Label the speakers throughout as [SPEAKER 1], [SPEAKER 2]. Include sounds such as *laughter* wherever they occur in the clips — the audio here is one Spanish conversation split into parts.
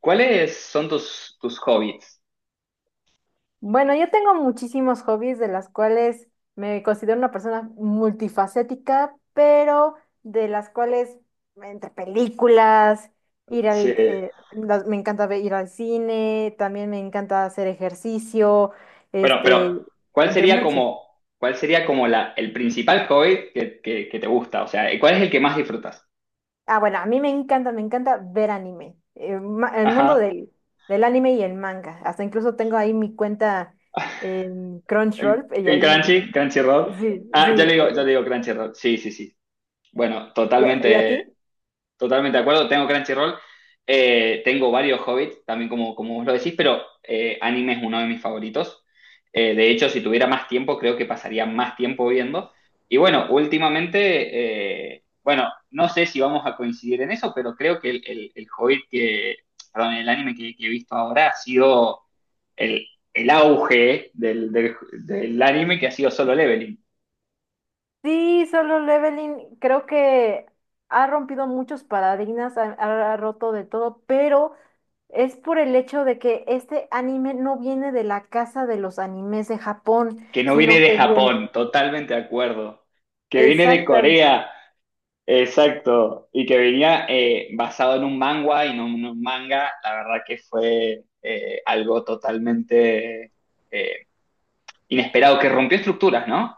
[SPEAKER 1] ¿Cuáles son tus hobbies?
[SPEAKER 2] Bueno, yo tengo muchísimos hobbies, de las cuales me considero una persona multifacética, pero de las cuales, entre películas,
[SPEAKER 1] Sí.
[SPEAKER 2] me encanta ir al cine, también me encanta hacer ejercicio,
[SPEAKER 1] Bueno, pero
[SPEAKER 2] este, entre muchos.
[SPEAKER 1] cuál sería como la, el principal hobby que te gusta? O sea, ¿cuál es el que más disfrutas?
[SPEAKER 2] Ah, bueno, a mí me encanta ver anime, el mundo
[SPEAKER 1] Ajá.
[SPEAKER 2] del anime y el manga. Hasta incluso tengo ahí mi cuenta en
[SPEAKER 1] En,
[SPEAKER 2] Crunchyroll y
[SPEAKER 1] en
[SPEAKER 2] ahí me.
[SPEAKER 1] Crunchy, Crunchyroll.
[SPEAKER 2] Sí, sí,
[SPEAKER 1] Ah, ya le digo Crunchyroll. Sí, sí, sí. Bueno,
[SPEAKER 2] ¿Y a
[SPEAKER 1] totalmente.
[SPEAKER 2] ti?
[SPEAKER 1] Totalmente de acuerdo, tengo Crunchyroll, tengo varios Hobbits, también como, como vos lo decís, pero anime es uno de mis favoritos. De hecho, si tuviera más tiempo, creo que pasaría más tiempo viendo. Y bueno, últimamente, bueno, no sé si vamos a coincidir en eso, pero creo que el Hobbit que, perdón, el anime que he visto ahora ha sido el, el auge del anime que ha sido Solo Leveling,
[SPEAKER 2] Sí, Solo Leveling creo que ha rompido muchos paradigmas, ha roto de todo, pero es por el hecho de que este anime no viene de la casa de los animes de Japón,
[SPEAKER 1] que no viene
[SPEAKER 2] sino
[SPEAKER 1] de
[SPEAKER 2] que viene.
[SPEAKER 1] Japón, totalmente de acuerdo, que viene de
[SPEAKER 2] Exactamente.
[SPEAKER 1] Corea. Exacto, y que venía basado en un manga y no en un manga, la verdad que fue algo totalmente eh, inesperado, que rompió estructuras, ¿no?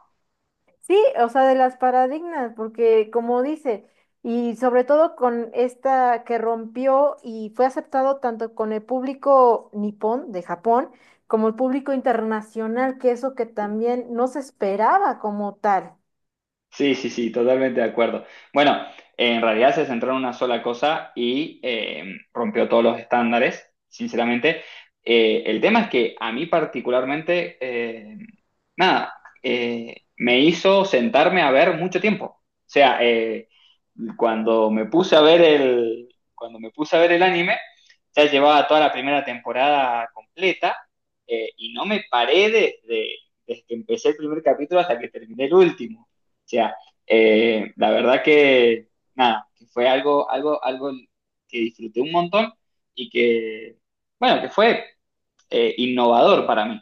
[SPEAKER 2] Sí, o sea, de las paradigmas, porque como dice, y sobre todo con esta que rompió y fue aceptado tanto con el público nipón de Japón como el público internacional, que eso que también no se esperaba como tal.
[SPEAKER 1] Sí, sí, sí, totalmente de acuerdo. Bueno, en realidad se centró en una sola cosa y rompió todos los estándares, sinceramente. El tema es que a mí particularmente, nada, me hizo sentarme a ver mucho tiempo. O sea, cuando me puse a ver el, cuando me puse a ver el anime, ya llevaba toda la primera temporada completa y no me paré desde que empecé el primer capítulo hasta que terminé el último sea, la verdad que, nada, que fue algo que disfruté un montón y que, bueno, que fue innovador para mí.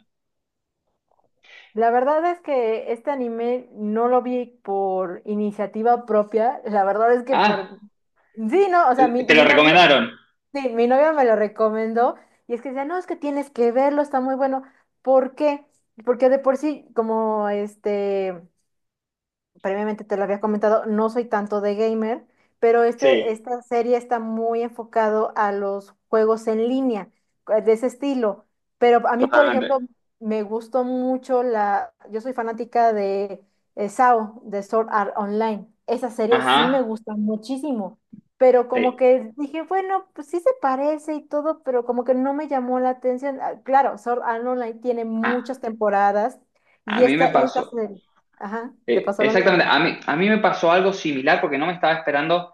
[SPEAKER 2] La verdad es que este anime no lo vi por iniciativa propia, la verdad es que por.
[SPEAKER 1] Ah,
[SPEAKER 2] Sí, no, o sea, mi,
[SPEAKER 1] te lo
[SPEAKER 2] mi novio.
[SPEAKER 1] recomendaron.
[SPEAKER 2] Sí, mi novia me lo recomendó y es que decía, no, es que tienes que verlo, está muy bueno. ¿Por qué? Porque de por sí, como previamente te lo había comentado, no soy tanto de gamer, pero
[SPEAKER 1] Sí,
[SPEAKER 2] esta serie está muy enfocado a los juegos en línea, de ese estilo. Pero a mí, por ejemplo,
[SPEAKER 1] totalmente.
[SPEAKER 2] me gustó mucho yo soy fanática de SAO, de Sword Art Online. Esa serie
[SPEAKER 1] Ajá.
[SPEAKER 2] sí me gusta muchísimo, pero como
[SPEAKER 1] Sí.
[SPEAKER 2] que dije, bueno, pues sí se parece y todo, pero como que no me llamó la atención. Ah, claro, Sword Art Online tiene
[SPEAKER 1] A,
[SPEAKER 2] muchas temporadas
[SPEAKER 1] a
[SPEAKER 2] y
[SPEAKER 1] mí me
[SPEAKER 2] esta
[SPEAKER 1] pasó.
[SPEAKER 2] serie. Ajá, te
[SPEAKER 1] eh,
[SPEAKER 2] pasó lo mismo.
[SPEAKER 1] exactamente, a mí, a mí me pasó algo similar porque no me estaba esperando.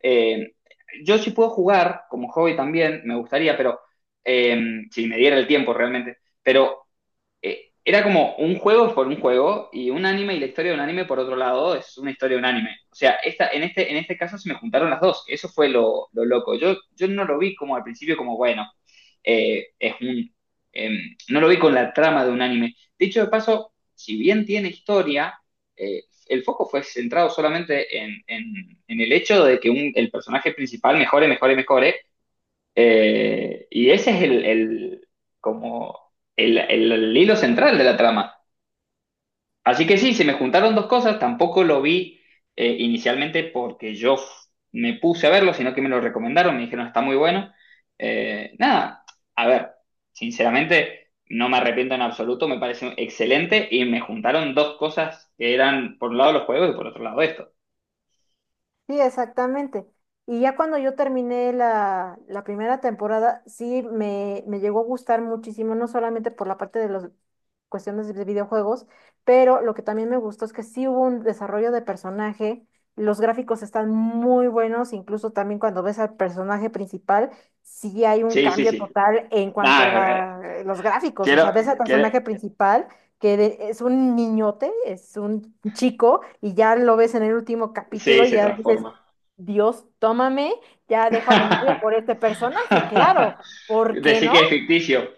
[SPEAKER 1] eh, yo sí puedo jugar como hobby también, me gustaría, pero eh, si me diera el tiempo realmente. Pero era como un juego por un juego y un anime y la historia de un anime por otro lado es una historia de un anime. O sea, esta, en este caso se me juntaron las dos. Eso fue lo loco. Yo no lo vi como al principio como, bueno, es un... eh, no lo vi con la trama de un anime. Dicho de paso, si bien tiene historia, el foco fue centrado solamente en el hecho de que el personaje principal mejore, y ese es como el hilo central de la trama. Así que sí, se me juntaron dos cosas, tampoco lo vi inicialmente porque me puse a verlo, sino que me lo recomendaron, me dijeron está muy bueno. Nada, a ver, sinceramente no me arrepiento en absoluto, me pareció excelente y me juntaron dos cosas que eran por un lado los juegos y por otro lado esto.
[SPEAKER 2] Sí, exactamente. Y ya cuando yo terminé la primera temporada, sí me llegó a gustar muchísimo, no solamente por la parte de las cuestiones de videojuegos, pero lo que también me gustó es que sí hubo un desarrollo de personaje, los gráficos están muy buenos, incluso también cuando ves al personaje principal, sí hay un
[SPEAKER 1] Sí, sí,
[SPEAKER 2] cambio
[SPEAKER 1] sí.
[SPEAKER 2] total en cuanto a
[SPEAKER 1] Nada,
[SPEAKER 2] los gráficos, o
[SPEAKER 1] quiero,
[SPEAKER 2] sea, ves al
[SPEAKER 1] quiero,
[SPEAKER 2] personaje principal, es un niñote, es un chico, y ya lo ves en el último capítulo
[SPEAKER 1] sí,
[SPEAKER 2] y
[SPEAKER 1] se
[SPEAKER 2] ya dices:
[SPEAKER 1] transforma.
[SPEAKER 2] Dios, tómame, ya dejo a mi novio por
[SPEAKER 1] *laughs*
[SPEAKER 2] este personaje, claro,
[SPEAKER 1] *laughs*
[SPEAKER 2] ¿por qué
[SPEAKER 1] Decir
[SPEAKER 2] no?
[SPEAKER 1] que es ficticio.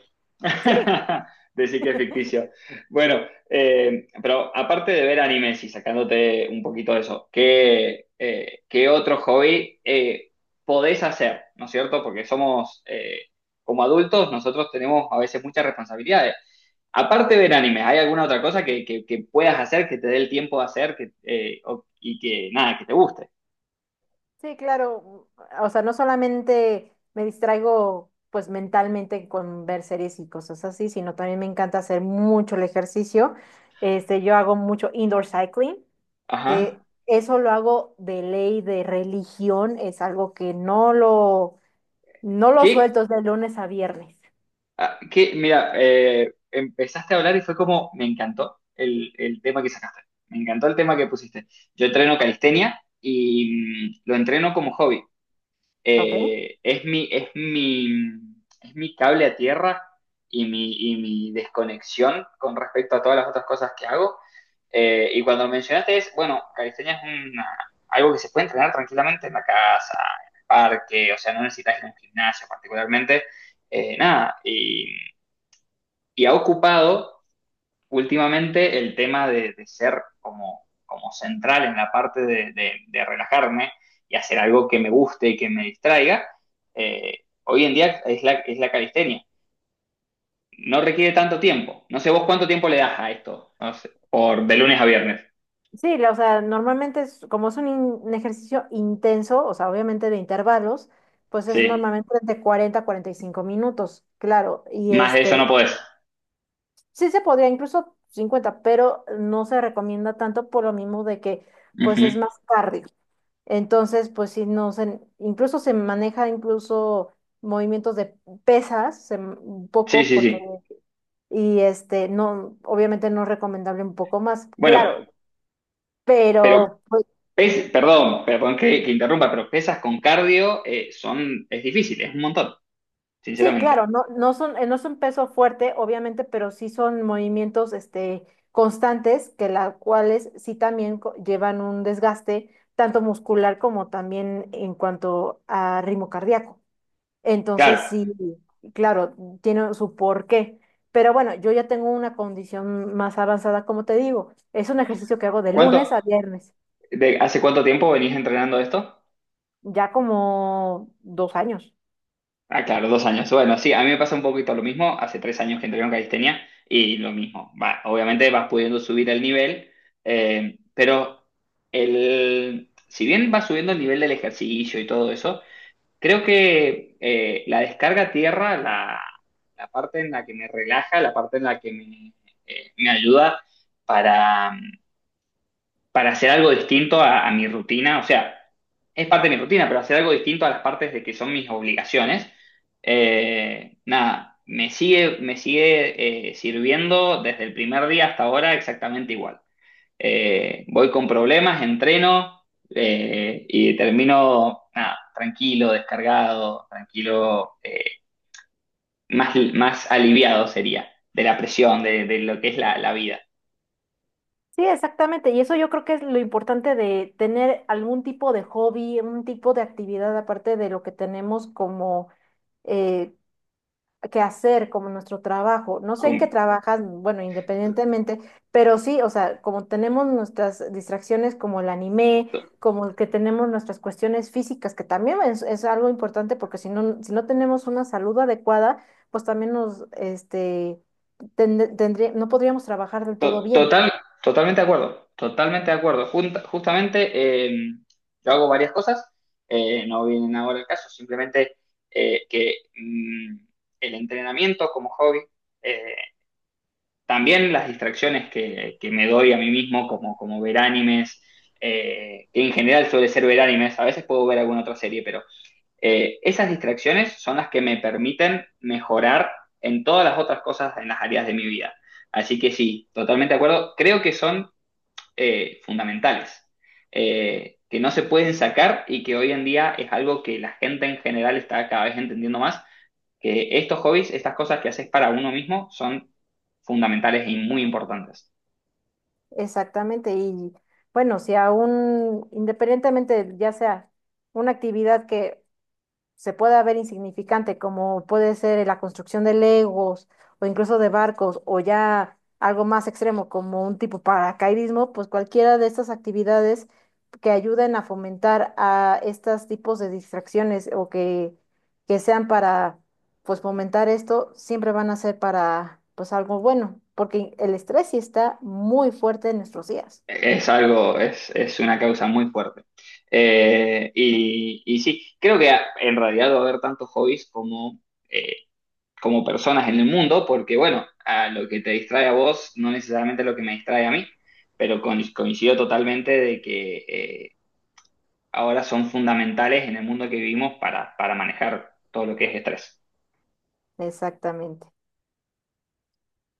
[SPEAKER 2] Sí,
[SPEAKER 1] *laughs* Decir que es ficticio. Bueno, pero aparte de ver animes y sacándote un poquito de eso, ¿qué, qué otro hobby podés hacer? ¿No es cierto? Porque somos, como adultos, nosotros tenemos a veces muchas responsabilidades. Aparte de ver animes, ¿hay alguna otra cosa que puedas hacer, que te dé el tiempo de hacer que, y que nada, que te guste?
[SPEAKER 2] sí, claro, o sea, no solamente me distraigo pues mentalmente con ver series y cosas así, sino también me encanta hacer mucho el ejercicio, yo hago mucho indoor cycling, que...
[SPEAKER 1] Ajá.
[SPEAKER 2] Eso lo hago de ley, de religión, es algo que no lo
[SPEAKER 1] ¿Qué,
[SPEAKER 2] suelto, es de lunes a viernes.
[SPEAKER 1] Ah, que, mira, empezaste a hablar y fue como, me encantó el tema que sacaste, me encantó el tema que pusiste. Yo entreno calistenia y lo entreno como hobby.
[SPEAKER 2] ¿Ok?
[SPEAKER 1] Es mi, es mi cable a tierra y mi desconexión con respecto a todas las otras cosas que hago. Y cuando mencionaste es, bueno, calistenia es una- algo que se puede entrenar tranquilamente en la casa, en el parque, o sea, no necesitas ir a un gimnasio particularmente, nada, y ha ocupado últimamente el tema de ser como, como central en la parte de relajarme y hacer algo que me guste y que me distraiga, eh, hoy en día es la calistenia. No requiere tanto tiempo. No sé vos cuánto tiempo le das a esto, no sé, por de lunes a viernes.
[SPEAKER 2] Sí, o sea, normalmente como es un ejercicio intenso, o sea, obviamente de intervalos, pues es
[SPEAKER 1] Sí,
[SPEAKER 2] normalmente de 40 a 45 minutos, claro, y
[SPEAKER 1] más de eso no podés.
[SPEAKER 2] sí se podría incluso 50, pero no se recomienda tanto por lo mismo de que,
[SPEAKER 1] Uh
[SPEAKER 2] pues
[SPEAKER 1] -huh.
[SPEAKER 2] es más cardio. Entonces, pues sí, no se, incluso se maneja incluso movimientos de pesas, un
[SPEAKER 1] Sí,
[SPEAKER 2] poco,
[SPEAKER 1] sí, sí.
[SPEAKER 2] porque, y no, obviamente no es recomendable un poco más,
[SPEAKER 1] Bueno,
[SPEAKER 2] claro,
[SPEAKER 1] pero
[SPEAKER 2] pero pues,
[SPEAKER 1] pes perdón, perdón que interrumpa, pero pesas con cardio es difícil, es un montón,
[SPEAKER 2] sí, claro,
[SPEAKER 1] sinceramente.
[SPEAKER 2] no, no son, no es un peso fuerte, obviamente, pero sí son movimientos, constantes, que las cuales sí también llevan un desgaste, tanto muscular como también en cuanto a ritmo cardíaco.
[SPEAKER 1] Claro,
[SPEAKER 2] Entonces, sí, claro, tiene su porqué. Pero bueno, yo ya tengo una condición más avanzada, como te digo. Es un ejercicio que hago de
[SPEAKER 1] ¿cuánto,
[SPEAKER 2] lunes a viernes.
[SPEAKER 1] ¿de hace cuánto tiempo venís entrenando esto?
[SPEAKER 2] Ya como 2 años.
[SPEAKER 1] Ah, claro, dos años. Bueno, sí, a mí me pasa un poquito lo mismo. Hace tres años que entreno calistenia y lo mismo. Va, obviamente vas pudiendo subir el nivel, pero el, si bien vas subiendo el nivel del ejercicio y todo eso, creo que la descarga a tierra, la parte en la que me relaja, la parte en la que me, me ayuda para hacer algo distinto a mi rutina, o sea, es parte de mi rutina, pero hacer algo distinto a las partes de que son mis obligaciones, nada, me sigue sirviendo desde el primer día hasta ahora exactamente igual. Voy con problemas, entreno y termino nada, tranquilo, descargado, tranquilo, más aliviado sería de la presión, de lo que es la, la vida.
[SPEAKER 2] Sí, exactamente. Y eso yo creo que es lo importante de tener algún tipo de hobby, un tipo de actividad aparte de lo que tenemos como, eh, hacer, como nuestro trabajo. No sé en qué
[SPEAKER 1] Com-
[SPEAKER 2] trabajas, bueno, independientemente, pero sí, o sea, como tenemos nuestras distracciones como el anime, como el que tenemos nuestras cuestiones físicas, que también es algo importante, porque si no, si no tenemos una salud adecuada, pues también nos, no podríamos trabajar del todo bien.
[SPEAKER 1] Total, totalmente de acuerdo, totalmente de acuerdo. Justamente yo hago varias cosas, no vienen ahora el caso, simplemente que el entrenamiento como hobby, eh, también las distracciones que me doy a mí mismo, como, como ver animes, que en general suele ser ver animes, a veces puedo ver alguna otra serie, pero esas distracciones son las que me permiten mejorar en todas las otras cosas, en las áreas de mi vida. Así que sí, totalmente de acuerdo. Creo que son fundamentales, que no se pueden sacar y que hoy en día es algo que la gente en general está cada vez entendiendo más, que estos hobbies, estas cosas que haces para uno mismo son fundamentales y muy importantes.
[SPEAKER 2] Exactamente. Y bueno, si aún, independientemente, ya sea una actividad que se pueda ver insignificante, como puede ser la construcción de legos o incluso de barcos, o ya algo más extremo como un tipo paracaidismo, pues cualquiera de estas actividades que ayuden a fomentar a estos tipos de distracciones, o que sean para pues fomentar esto, siempre van a ser para pues algo bueno, porque el estrés sí está muy fuerte en nuestros días.
[SPEAKER 1] Es algo, es una causa muy fuerte. Y, y sí, creo que en realidad va a haber tantos hobbies como, eh, como personas en el mundo, porque bueno, a lo que te distrae a vos no necesariamente es lo que me distrae a mí, pero coincido totalmente de que ahora son fundamentales en el mundo que vivimos para manejar todo lo que es estrés.
[SPEAKER 2] Exactamente.